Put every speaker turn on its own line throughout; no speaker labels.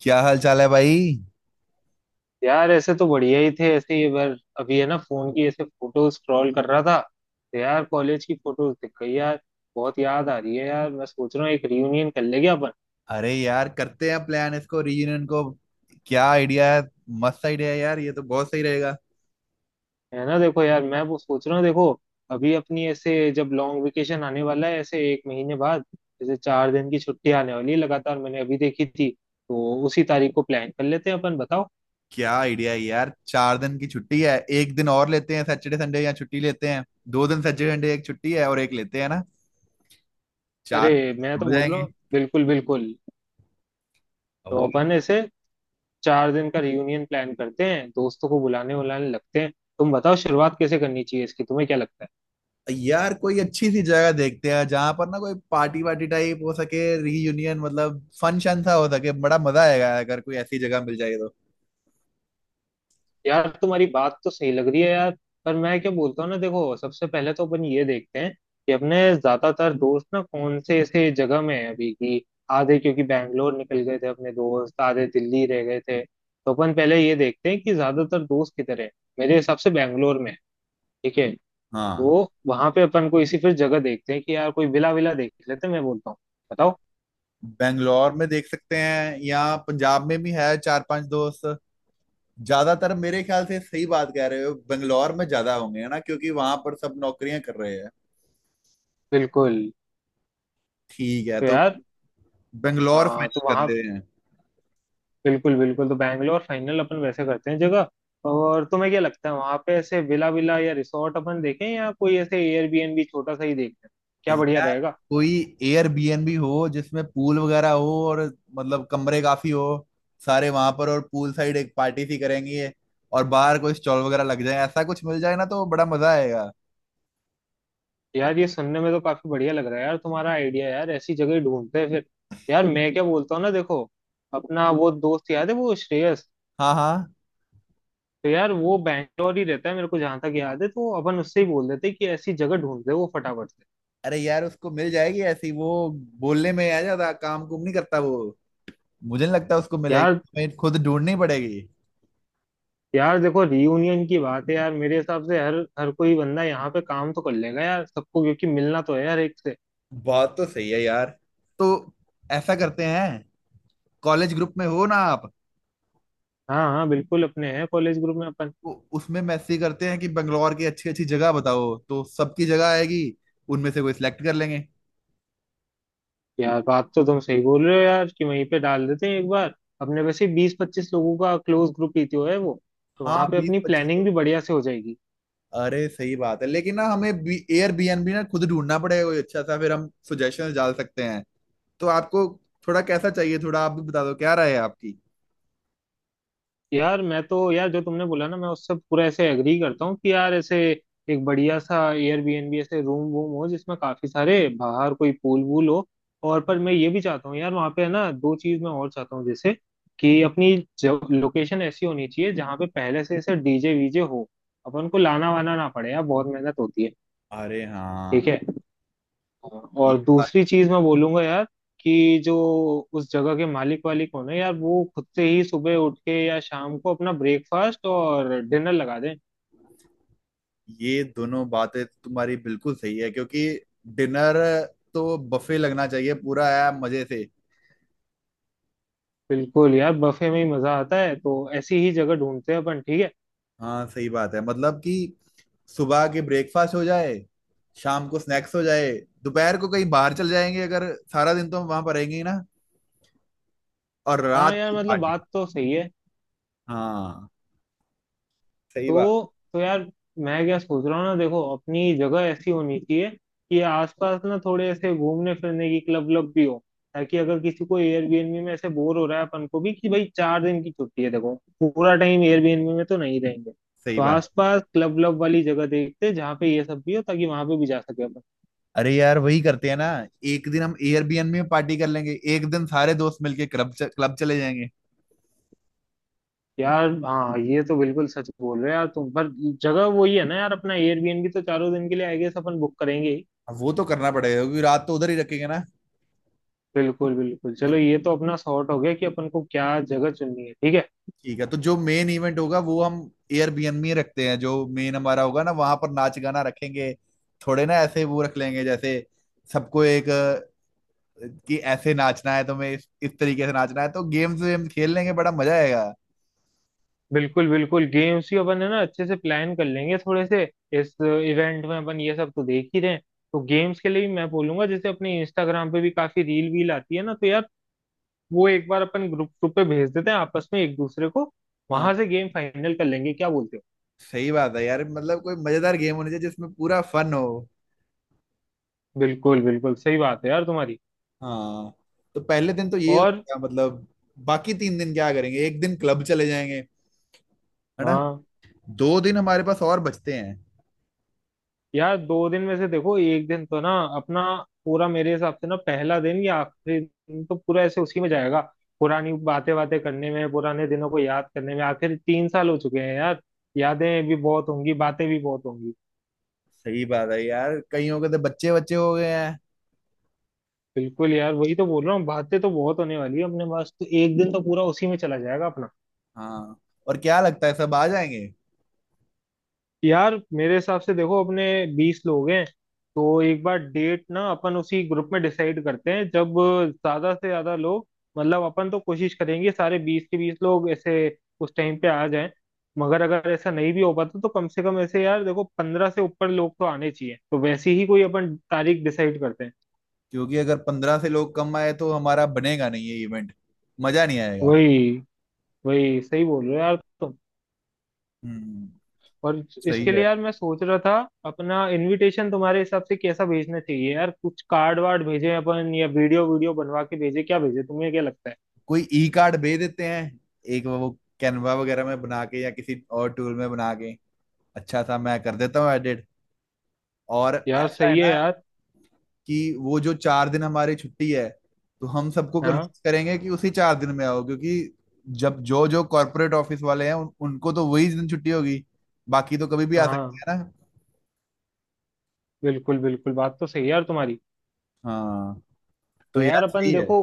क्या हाल चाल है भाई।
यार ऐसे तो बढ़िया ही थे, ऐसे ही बार अभी है ना, फोन की ऐसे फोटो स्क्रॉल कर रहा था। तो यार कॉलेज की फोटोज दिख गई यार। बहुत याद आ रही है यार, मैं सोच रहा हूँ एक रियूनियन कर लेंगे अपन।
अरे यार करते हैं प्लान इसको रीयूनियन को। क्या आइडिया है। मस्त आइडिया है यार, ये तो बहुत सही रहेगा।
है ना? देखो यार, मैं वो सोच रहा हूँ, देखो अभी अपनी ऐसे, जब लॉन्ग वेकेशन आने वाला है ऐसे एक महीने बाद। जैसे 4 दिन की छुट्टी आने वाली है लगातार, मैंने अभी देखी थी। तो उसी तारीख को प्लान कर लेते हैं अपन, बताओ।
क्या आइडिया है यार, 4 दिन की छुट्टी है, एक दिन और लेते हैं, सैटरडे संडे या छुट्टी लेते हैं। दो दिन सैटरडे संडे, एक छुट्टी है और एक लेते हैं ना।
अरे
चार
मैं तो
हो
बोल रहा
जाएंगे।
हूँ, बिल्कुल बिल्कुल। तो
और
अपन ऐसे 4 दिन का रियूनियन प्लान करते हैं, दोस्तों को बुलाने उलाने लगते हैं। तुम बताओ, शुरुआत कैसे करनी चाहिए इसकी, तुम्हें क्या लगता है?
यार कोई अच्छी सी जगह देखते हैं जहां पर ना कोई पार्टी वार्टी टाइप हो सके, रीयूनियन मतलब फन शन सा हो सके, बड़ा मजा आएगा अगर कोई ऐसी जगह मिल जाए तो।
यार तुम्हारी बात तो सही लग रही है यार। पर मैं क्या बोलता हूँ, ना देखो, सबसे पहले तो अपन ये देखते हैं, कि अपने ज्यादातर दोस्त ना कौन से ऐसे जगह में है अभी की। आधे क्योंकि बैंगलोर निकल गए थे अपने दोस्त, आधे दिल्ली रह गए थे, तो अपन पहले ये देखते हैं कि ज्यादातर दोस्त किधर है। मेरे हिसाब से बैंगलोर में है, ठीक है।
हाँ।
तो वहां पे अपन को इसी फिर जगह देखते हैं, कि यार कोई विला विला देख लेते हैं, मैं बोलता हूँ, बताओ।
बेंगलोर में देख सकते हैं, यहाँ पंजाब में भी है चार पांच दोस्त। ज्यादातर मेरे ख्याल से सही बात कह रहे हो, बेंगलोर में ज्यादा होंगे है ना, क्योंकि वहां पर सब नौकरियां कर रहे हैं।
बिल्कुल।
ठीक है
तो
तो
यार
बेंगलोर फाइनल
तो
कर
वहाँ
रहे हैं।
बिल्कुल बिल्कुल, तो बैंगलोर फाइनल अपन वैसे करते हैं जगह। और तुम्हें क्या लगता है वहाँ पे ऐसे विला विला या रिसोर्ट अपन देखें, या कोई ऐसे एयरबीएनबी छोटा सा ही देखते हैं, क्या बढ़िया
यार
रहेगा?
कोई एयरबीएनबी हो जिसमें पूल वगैरह हो, और मतलब कमरे काफी हो सारे वहां पर, और पूल साइड एक पार्टी सी करेंगे। और बाहर कोई स्टॉल वगैरह लग जाए, ऐसा कुछ मिल जाए ना तो बड़ा मजा आएगा।
यार ये सुनने में तो काफी बढ़िया लग रहा है यार, तुम्हारा आइडिया यार, ऐसी जगह ही ढूंढते हैं फिर। यार मैं क्या बोलता हूँ, ना देखो, अपना वो दोस्त याद है वो, श्रेयस।
हाँ हाँ।
तो यार वो बैंगलोर ही रहता है मेरे को जहाँ तक याद है, तो अपन उससे ही बोल देते हैं कि ऐसी जगह ढूंढते हैं वो फटाफट से।
अरे यार उसको मिल जाएगी ऐसी, वो बोलने में आ जाता, काम कुम नहीं करता वो। मुझे नहीं लगता उसको मिलेगी।
यार।
हमें खुद ढूंढनी पड़ेगी।
यार देखो रीयूनियन की बात है यार, मेरे हिसाब से हर हर कोई बंदा यहाँ पे काम तो कर लेगा यार, सबको क्योंकि मिलना तो है यार एक से।
बात तो सही है यार। तो ऐसा करते हैं, कॉलेज ग्रुप में हो ना आप।
हाँ हाँ बिल्कुल, अपने हैं कॉलेज ग्रुप में अपन।
तो उसमें मैसेज करते हैं कि बंगलौर की अच्छी अच्छी जगह बताओ, तो सबकी जगह आएगी। उनमें से कोई सिलेक्ट कर लेंगे।
यार बात तो तुम सही बोल रहे हो यार, कि वहीं पे डाल देते हैं एक बार। अपने वैसे 20-25 लोगों का क्लोज ग्रुप ही तो है वो। तो
हाँ
वहां पे
बीस
अपनी
पच्चीस
प्लानिंग भी
लोग।
बढ़िया से हो जाएगी।
अरे सही बात है, लेकिन ना हमें एयर बीएनबी ना खुद ढूंढना पड़ेगा कोई अच्छा सा, फिर हम सुजेशन डाल सकते हैं। तो आपको थोड़ा कैसा चाहिए, थोड़ा आप भी बता दो क्या राय है आपकी।
यार मैं तो यार, जो तुमने बोला ना, मैं उससे पूरा ऐसे एग्री करता हूँ कि यार ऐसे एक बढ़िया सा एयरबीएनबी, ऐसे रूम वूम हो जिसमें काफी सारे, बाहर कोई पूल वूल हो। और पर मैं ये भी चाहता हूँ यार, वहाँ पे है ना, दो चीज मैं और चाहता हूँ, जैसे कि अपनी लोकेशन ऐसी होनी चाहिए जहाँ पे पहले से ऐसे डीजे वीजे हो। अपन को लाना वाना ना पड़े यार, बहुत मेहनत होती है।
अरे हाँ।
ठीक है। हाँ,
ये
और
बात-
दूसरी चीज मैं बोलूंगा यार, कि जो उस जगह के मालिक वालिक हो ना यार, वो खुद से ही सुबह उठ के या शाम को अपना ब्रेकफास्ट और डिनर लगा दें।
ये दोनों बातें तो तुम्हारी बिल्कुल सही है, क्योंकि डिनर तो बफे लगना चाहिए पूरा, है मजे से।
बिल्कुल यार, बफे में ही मजा आता है, तो ऐसी ही जगह ढूंढते हैं अपन, ठीक है।
हाँ सही बात है, मतलब कि सुबह के ब्रेकफास्ट हो जाए, शाम को स्नैक्स हो जाए, दोपहर को कहीं बाहर चल जाएंगे अगर, सारा दिन तो हम वहां पर रहेंगे ही ना, और
हाँ
रात
यार
की
मतलब
पार्टी।
बात तो सही है।
हाँ सही बात।
तो तो यार, मैं क्या सोच रहा हूँ, ना देखो, अपनी जगह ऐसी होनी चाहिए कि आसपास ना थोड़े ऐसे घूमने फिरने की क्लब व्लब भी हो। ताकि अगर किसी को एयरबीएनबी में ऐसे बोर हो रहा है, अपन को भी, कि भाई 4 दिन की छुट्टी है देखो। पूरा टाइम एयरबीएनबी में तो नहीं रहेंगे,
सही
तो
बात।
आसपास क्लब व्लब वाली जगह देखते हैं, जहाँ पे ये सब भी हो ताकि वहां पे भी जा सके अपन।
अरे यार वही करते हैं ना, एक दिन हम एयरबीएनबी में पार्टी कर लेंगे, एक दिन सारे दोस्त मिलके क्लब क्लब चले जाएंगे।
यार हाँ ये तो बिल्कुल सच बोल रहे हो यार तुम, पर जगह वही है ना यार, अपना एयरबीएनबी तो चारों दिन के लिए आई गेस अपन बुक करेंगे ही।
वो तो करना पड़ेगा, क्योंकि रात तो उधर ही रखेंगे ना।
बिल्कुल बिल्कुल, चलो
तो
ये तो अपना सॉर्ट हो गया, कि अपन को क्या जगह चुननी है, ठीक है।
ठीक है, तो जो मेन इवेंट होगा वो हम एयरबीएनबी में रखते हैं, जो मेन हमारा होगा ना वहां पर नाच गाना रखेंगे। थोड़े ना ऐसे वो रख लेंगे जैसे सबको एक कि ऐसे नाचना है तुम्हें, इस तरीके से नाचना है, तो गेम्स वेम खेल लेंगे बड़ा मजा आएगा।
बिल्कुल बिल्कुल, गेम्स ही अपन है ना अच्छे से प्लान कर लेंगे थोड़े से। इस इवेंट में अपन ये सब तो देख ही रहे हैं। तो गेम्स के लिए भी मैं बोलूंगा, जैसे अपने इंस्टाग्राम पे भी काफी रील वील आती है ना, तो यार वो एक बार अपन ग्रुप ग्रुप पे भेज देते हैं, आपस में एक दूसरे को। वहां
हाँ
से गेम फाइनल कर लेंगे, क्या बोलते हो?
सही बात है यार, मतलब कोई मजेदार गेम होनी चाहिए जिसमें पूरा फन हो।
बिल्कुल बिल्कुल सही बात है यार तुम्हारी।
हाँ। तो पहले दिन तो ये
और
होगा मतलब, बाकी 3 दिन क्या करेंगे, एक दिन क्लब चले जाएंगे है ना।
हाँ
2 दिन हमारे पास और बचते हैं।
यार, दो दिन में से देखो एक दिन तो ना अपना पूरा, मेरे हिसाब से ना पहला दिन या आखिरी दिन तो पूरा ऐसे उसी में जाएगा। पुरानी बातें बातें करने में, पुराने दिनों को याद करने में, आखिर 3 साल हो चुके हैं यार। यादें भी बहुत होंगी, बातें भी बहुत होंगी।
सही बात है यार, कईयों के तो बच्चे बच्चे हो गए हैं।
बिल्कुल यार, वही तो बोल रहा हूँ, बातें तो बहुत होने वाली है अपने पास, तो एक दिन तो पूरा उसी में चला जाएगा अपना।
हाँ। और क्या लगता है सब आ जाएंगे।
यार मेरे हिसाब से देखो, अपने 20 लोग हैं। तो एक बार डेट ना अपन उसी ग्रुप में डिसाइड करते हैं, जब ज्यादा से ज्यादा लोग, मतलब अपन तो कोशिश करेंगे सारे 20 के 20 लोग ऐसे उस टाइम पे आ जाएं। मगर अगर ऐसा नहीं भी हो पाता, तो कम से कम ऐसे यार देखो 15 से ऊपर लोग तो आने चाहिए, तो वैसी ही कोई अपन तारीख डिसाइड करते हैं।
क्योंकि अगर 15 से लोग कम आए तो हमारा बनेगा नहीं ये इवेंट। मजा नहीं आएगा।
वही वही सही बोल रहे हो यार तुम।
हम्म।
और
सही
इसके
है।
लिए यार मैं सोच रहा था, अपना इनविटेशन तुम्हारे हिसाब से कैसा भेजना चाहिए यार, कुछ कार्ड वार्ड भेजे अपन, या वीडियो वीडियो बनवा के भेजे, क्या भेजे, तुम्हें क्या लगता है?
कोई ई कार्ड भेज देते हैं, एक वो कैनवा वगैरह में बना के या किसी और टूल में बना के अच्छा सा, मैं कर देता हूँ एडिट। और
यार
ऐसा है
सही है
ना,
यार।
कि वो जो 4 दिन हमारी छुट्टी है, तो हम सबको
हाँ
कन्विंस करेंगे कि उसी 4 दिन में आओ, क्योंकि जब जो जो कॉर्पोरेट ऑफिस वाले हैं उनको तो वही दिन छुट्टी होगी। बाकी तो कभी भी आ
हाँ
सकते हैं ना।
बिल्कुल बिल्कुल, बात तो सही है यार तुम्हारी।
हाँ
तो
तो यार
यार अपन
सही है।
देखो,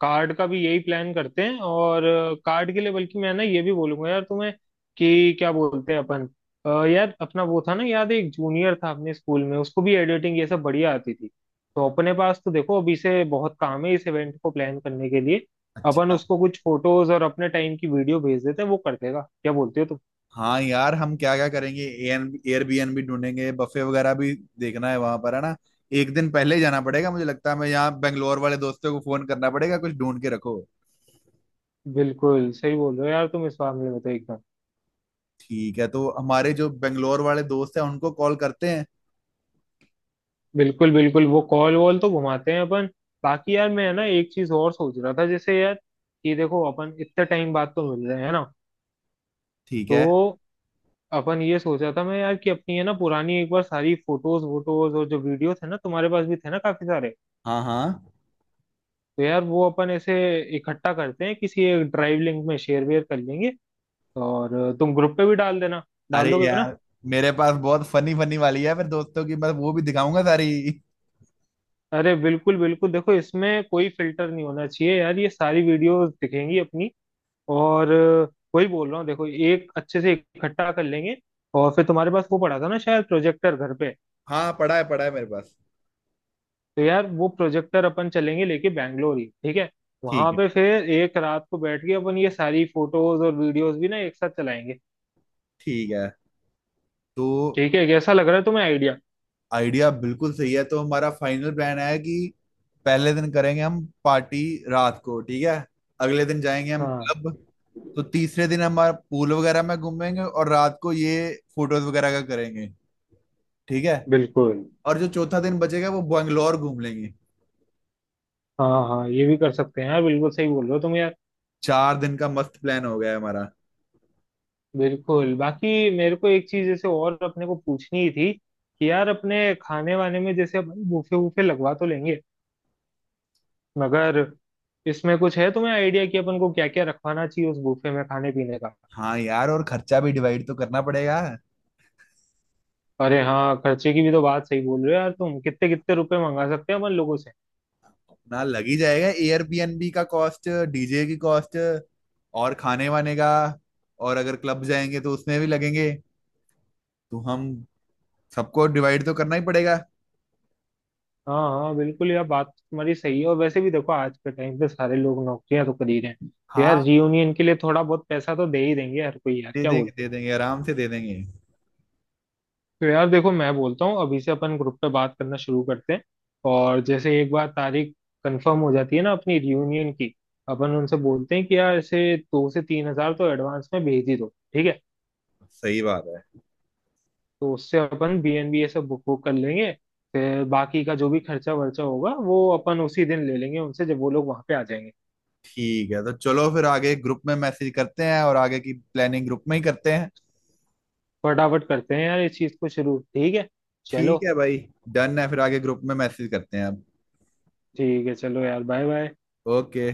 कार्ड का भी यही प्लान करते हैं, और कार्ड के लिए बल्कि मैं ना ये भी बोलूंगा यार तुम्हें, कि क्या बोलते हैं अपन, यार अपना वो था ना, याद है, एक जूनियर था अपने स्कूल में, उसको भी एडिटिंग ये सब बढ़िया आती थी। तो अपने पास तो देखो, अभी से बहुत काम है इस इवेंट को प्लान करने के लिए। अपन
अच्छा।
उसको कुछ फोटोज और अपने टाइम की वीडियो भेज देते हैं, वो कर देगा, क्या बोलते हो तुम?
हाँ यार, हम क्या क्या करेंगे एयरबीएनबी ढूंढेंगे, बफे वगैरह भी देखना है वहां पर है ना। एक दिन पहले ही जाना पड़ेगा मुझे लगता है, मैं यहाँ बेंगलोर वाले दोस्तों को फोन करना पड़ेगा, कुछ ढूंढ के रखो।
बिल्कुल सही बोल रहे हो यार तुम इस मामले में तो, एकदम।
ठीक है, तो हमारे जो बेंगलोर वाले दोस्त हैं उनको कॉल करते हैं।
बिल्कुल बिल्कुल, वो कॉल वॉल तो घुमाते हैं अपन। बाकी यार मैं, है ना, एक चीज और सोच रहा था, जैसे यार, कि देखो अपन इतने टाइम बाद तो मिल रहे हैं ना।
ठीक है।
तो अपन ये सोचा था मैं यार, कि अपनी है ना पुरानी, एक बार सारी फोटोज वोटोज और जो वीडियो थे ना, तुम्हारे पास भी थे ना काफी सारे।
हाँ हाँ।
तो यार वो अपन ऐसे इकट्ठा करते हैं किसी एक ड्राइव लिंक में, शेयर वेयर कर लेंगे। और तुम ग्रुप पे भी डाल देना, डाल
अरे
दोगे ना?
यार मेरे पास बहुत फनी फनी वाली है मेरे दोस्तों की, मैं वो भी दिखाऊंगा सारी।
अरे बिल्कुल बिल्कुल, देखो इसमें कोई फिल्टर नहीं होना चाहिए यार, ये सारी वीडियोस दिखेंगी अपनी। और वही बोल रहा हूँ देखो, एक अच्छे से इकट्ठा कर लेंगे। और फिर तुम्हारे पास वो पड़ा था ना शायद, प्रोजेक्टर घर पे।
हाँ पढ़ा है मेरे पास।
तो यार वो प्रोजेक्टर अपन चलेंगे लेके बैंगलोर ही, ठीक है।
ठीक
वहां
है।
पे फिर एक रात को बैठ के अपन ये सारी फोटोज और वीडियोस भी ना एक साथ चलाएंगे।
ठीक है तो।
ठीक है, कैसा लग रहा है तुम्हें आइडिया?
आइडिया बिल्कुल सही है, तो हमारा फाइनल प्लान है कि पहले दिन करेंगे हम पार्टी रात को, ठीक है, अगले दिन जाएंगे हम
हाँ
क्लब। तो तीसरे दिन हमारा पूल वगैरह में घूमेंगे और रात को ये फोटोज वगैरह का करेंगे, ठीक है।
बिल्कुल।
और जो चौथा दिन बचेगा वो बैंगलोर घूम लेंगे।
हाँ हाँ, ये भी कर सकते हैं यार, बिल्कुल सही बोल रहे हो तुम यार।
4 दिन का मस्त प्लान हो गया है हमारा।
बिल्कुल, बाकी मेरे को एक चीज जैसे और अपने को पूछनी ही थी, कि यार अपने खाने वाने में, जैसे अपन बूफे वूफे लगवा तो लेंगे, मगर इसमें कुछ है तुम्हें आइडिया कि अपन को क्या क्या रखवाना चाहिए उस बुफे में खाने पीने का?
हाँ यार, और खर्चा भी डिवाइड तो करना पड़ेगा।
अरे हाँ, खर्चे की भी तो बात सही बोल रहे हो यार तुम, कितने कितने रुपए मंगा सकते हैं अपन लोगों से?
ना, लग ही जाएगा एयरबीएनबी का कॉस्ट, डीजे की कॉस्ट और खाने वाने का, और अगर क्लब जाएंगे तो उसमें भी लगेंगे। तो हम सबको डिवाइड तो करना ही पड़ेगा।
हाँ हाँ बिल्कुल यार, बात तो तुम्हारी सही है, और वैसे भी देखो आज के टाइम पे सारे लोग नौकरियां तो कर ही रहे हैं, तो यार
हाँ
रियूनियन के लिए थोड़ा बहुत पैसा तो दे ही देंगे हर कोई यार,
दे
क्या
देंगे
बोलते हो?
दे देंगे, आराम से दे देंगे।
तो यार देखो, मैं बोलता हूँ अभी से अपन ग्रुप पे बात करना शुरू करते हैं। और जैसे एक बार तारीख कंफर्म हो जाती है ना अपनी रियूनियन की, अपन उनसे बोलते हैं कि यार ऐसे 2 से 3 हजार तो एडवांस में भेज ही दो, ठीक है।
सही बात है।
तो उससे अपन BNB ये सब बुक बुक कर लेंगे। फिर बाकी का जो भी खर्चा वर्चा होगा, वो अपन उसी दिन ले लेंगे उनसे, जब वो लोग वहां पे आ जाएंगे।
ठीक है तो चलो फिर आगे ग्रुप में मैसेज करते हैं, और आगे की प्लानिंग ग्रुप में ही करते हैं।
फटाफट करते हैं यार इस चीज को शुरू, ठीक है। चलो।
ठीक है भाई। डन है, फिर आगे ग्रुप में मैसेज करते हैं अब।
ठीक है चलो यार, बाय बाय।
ओके।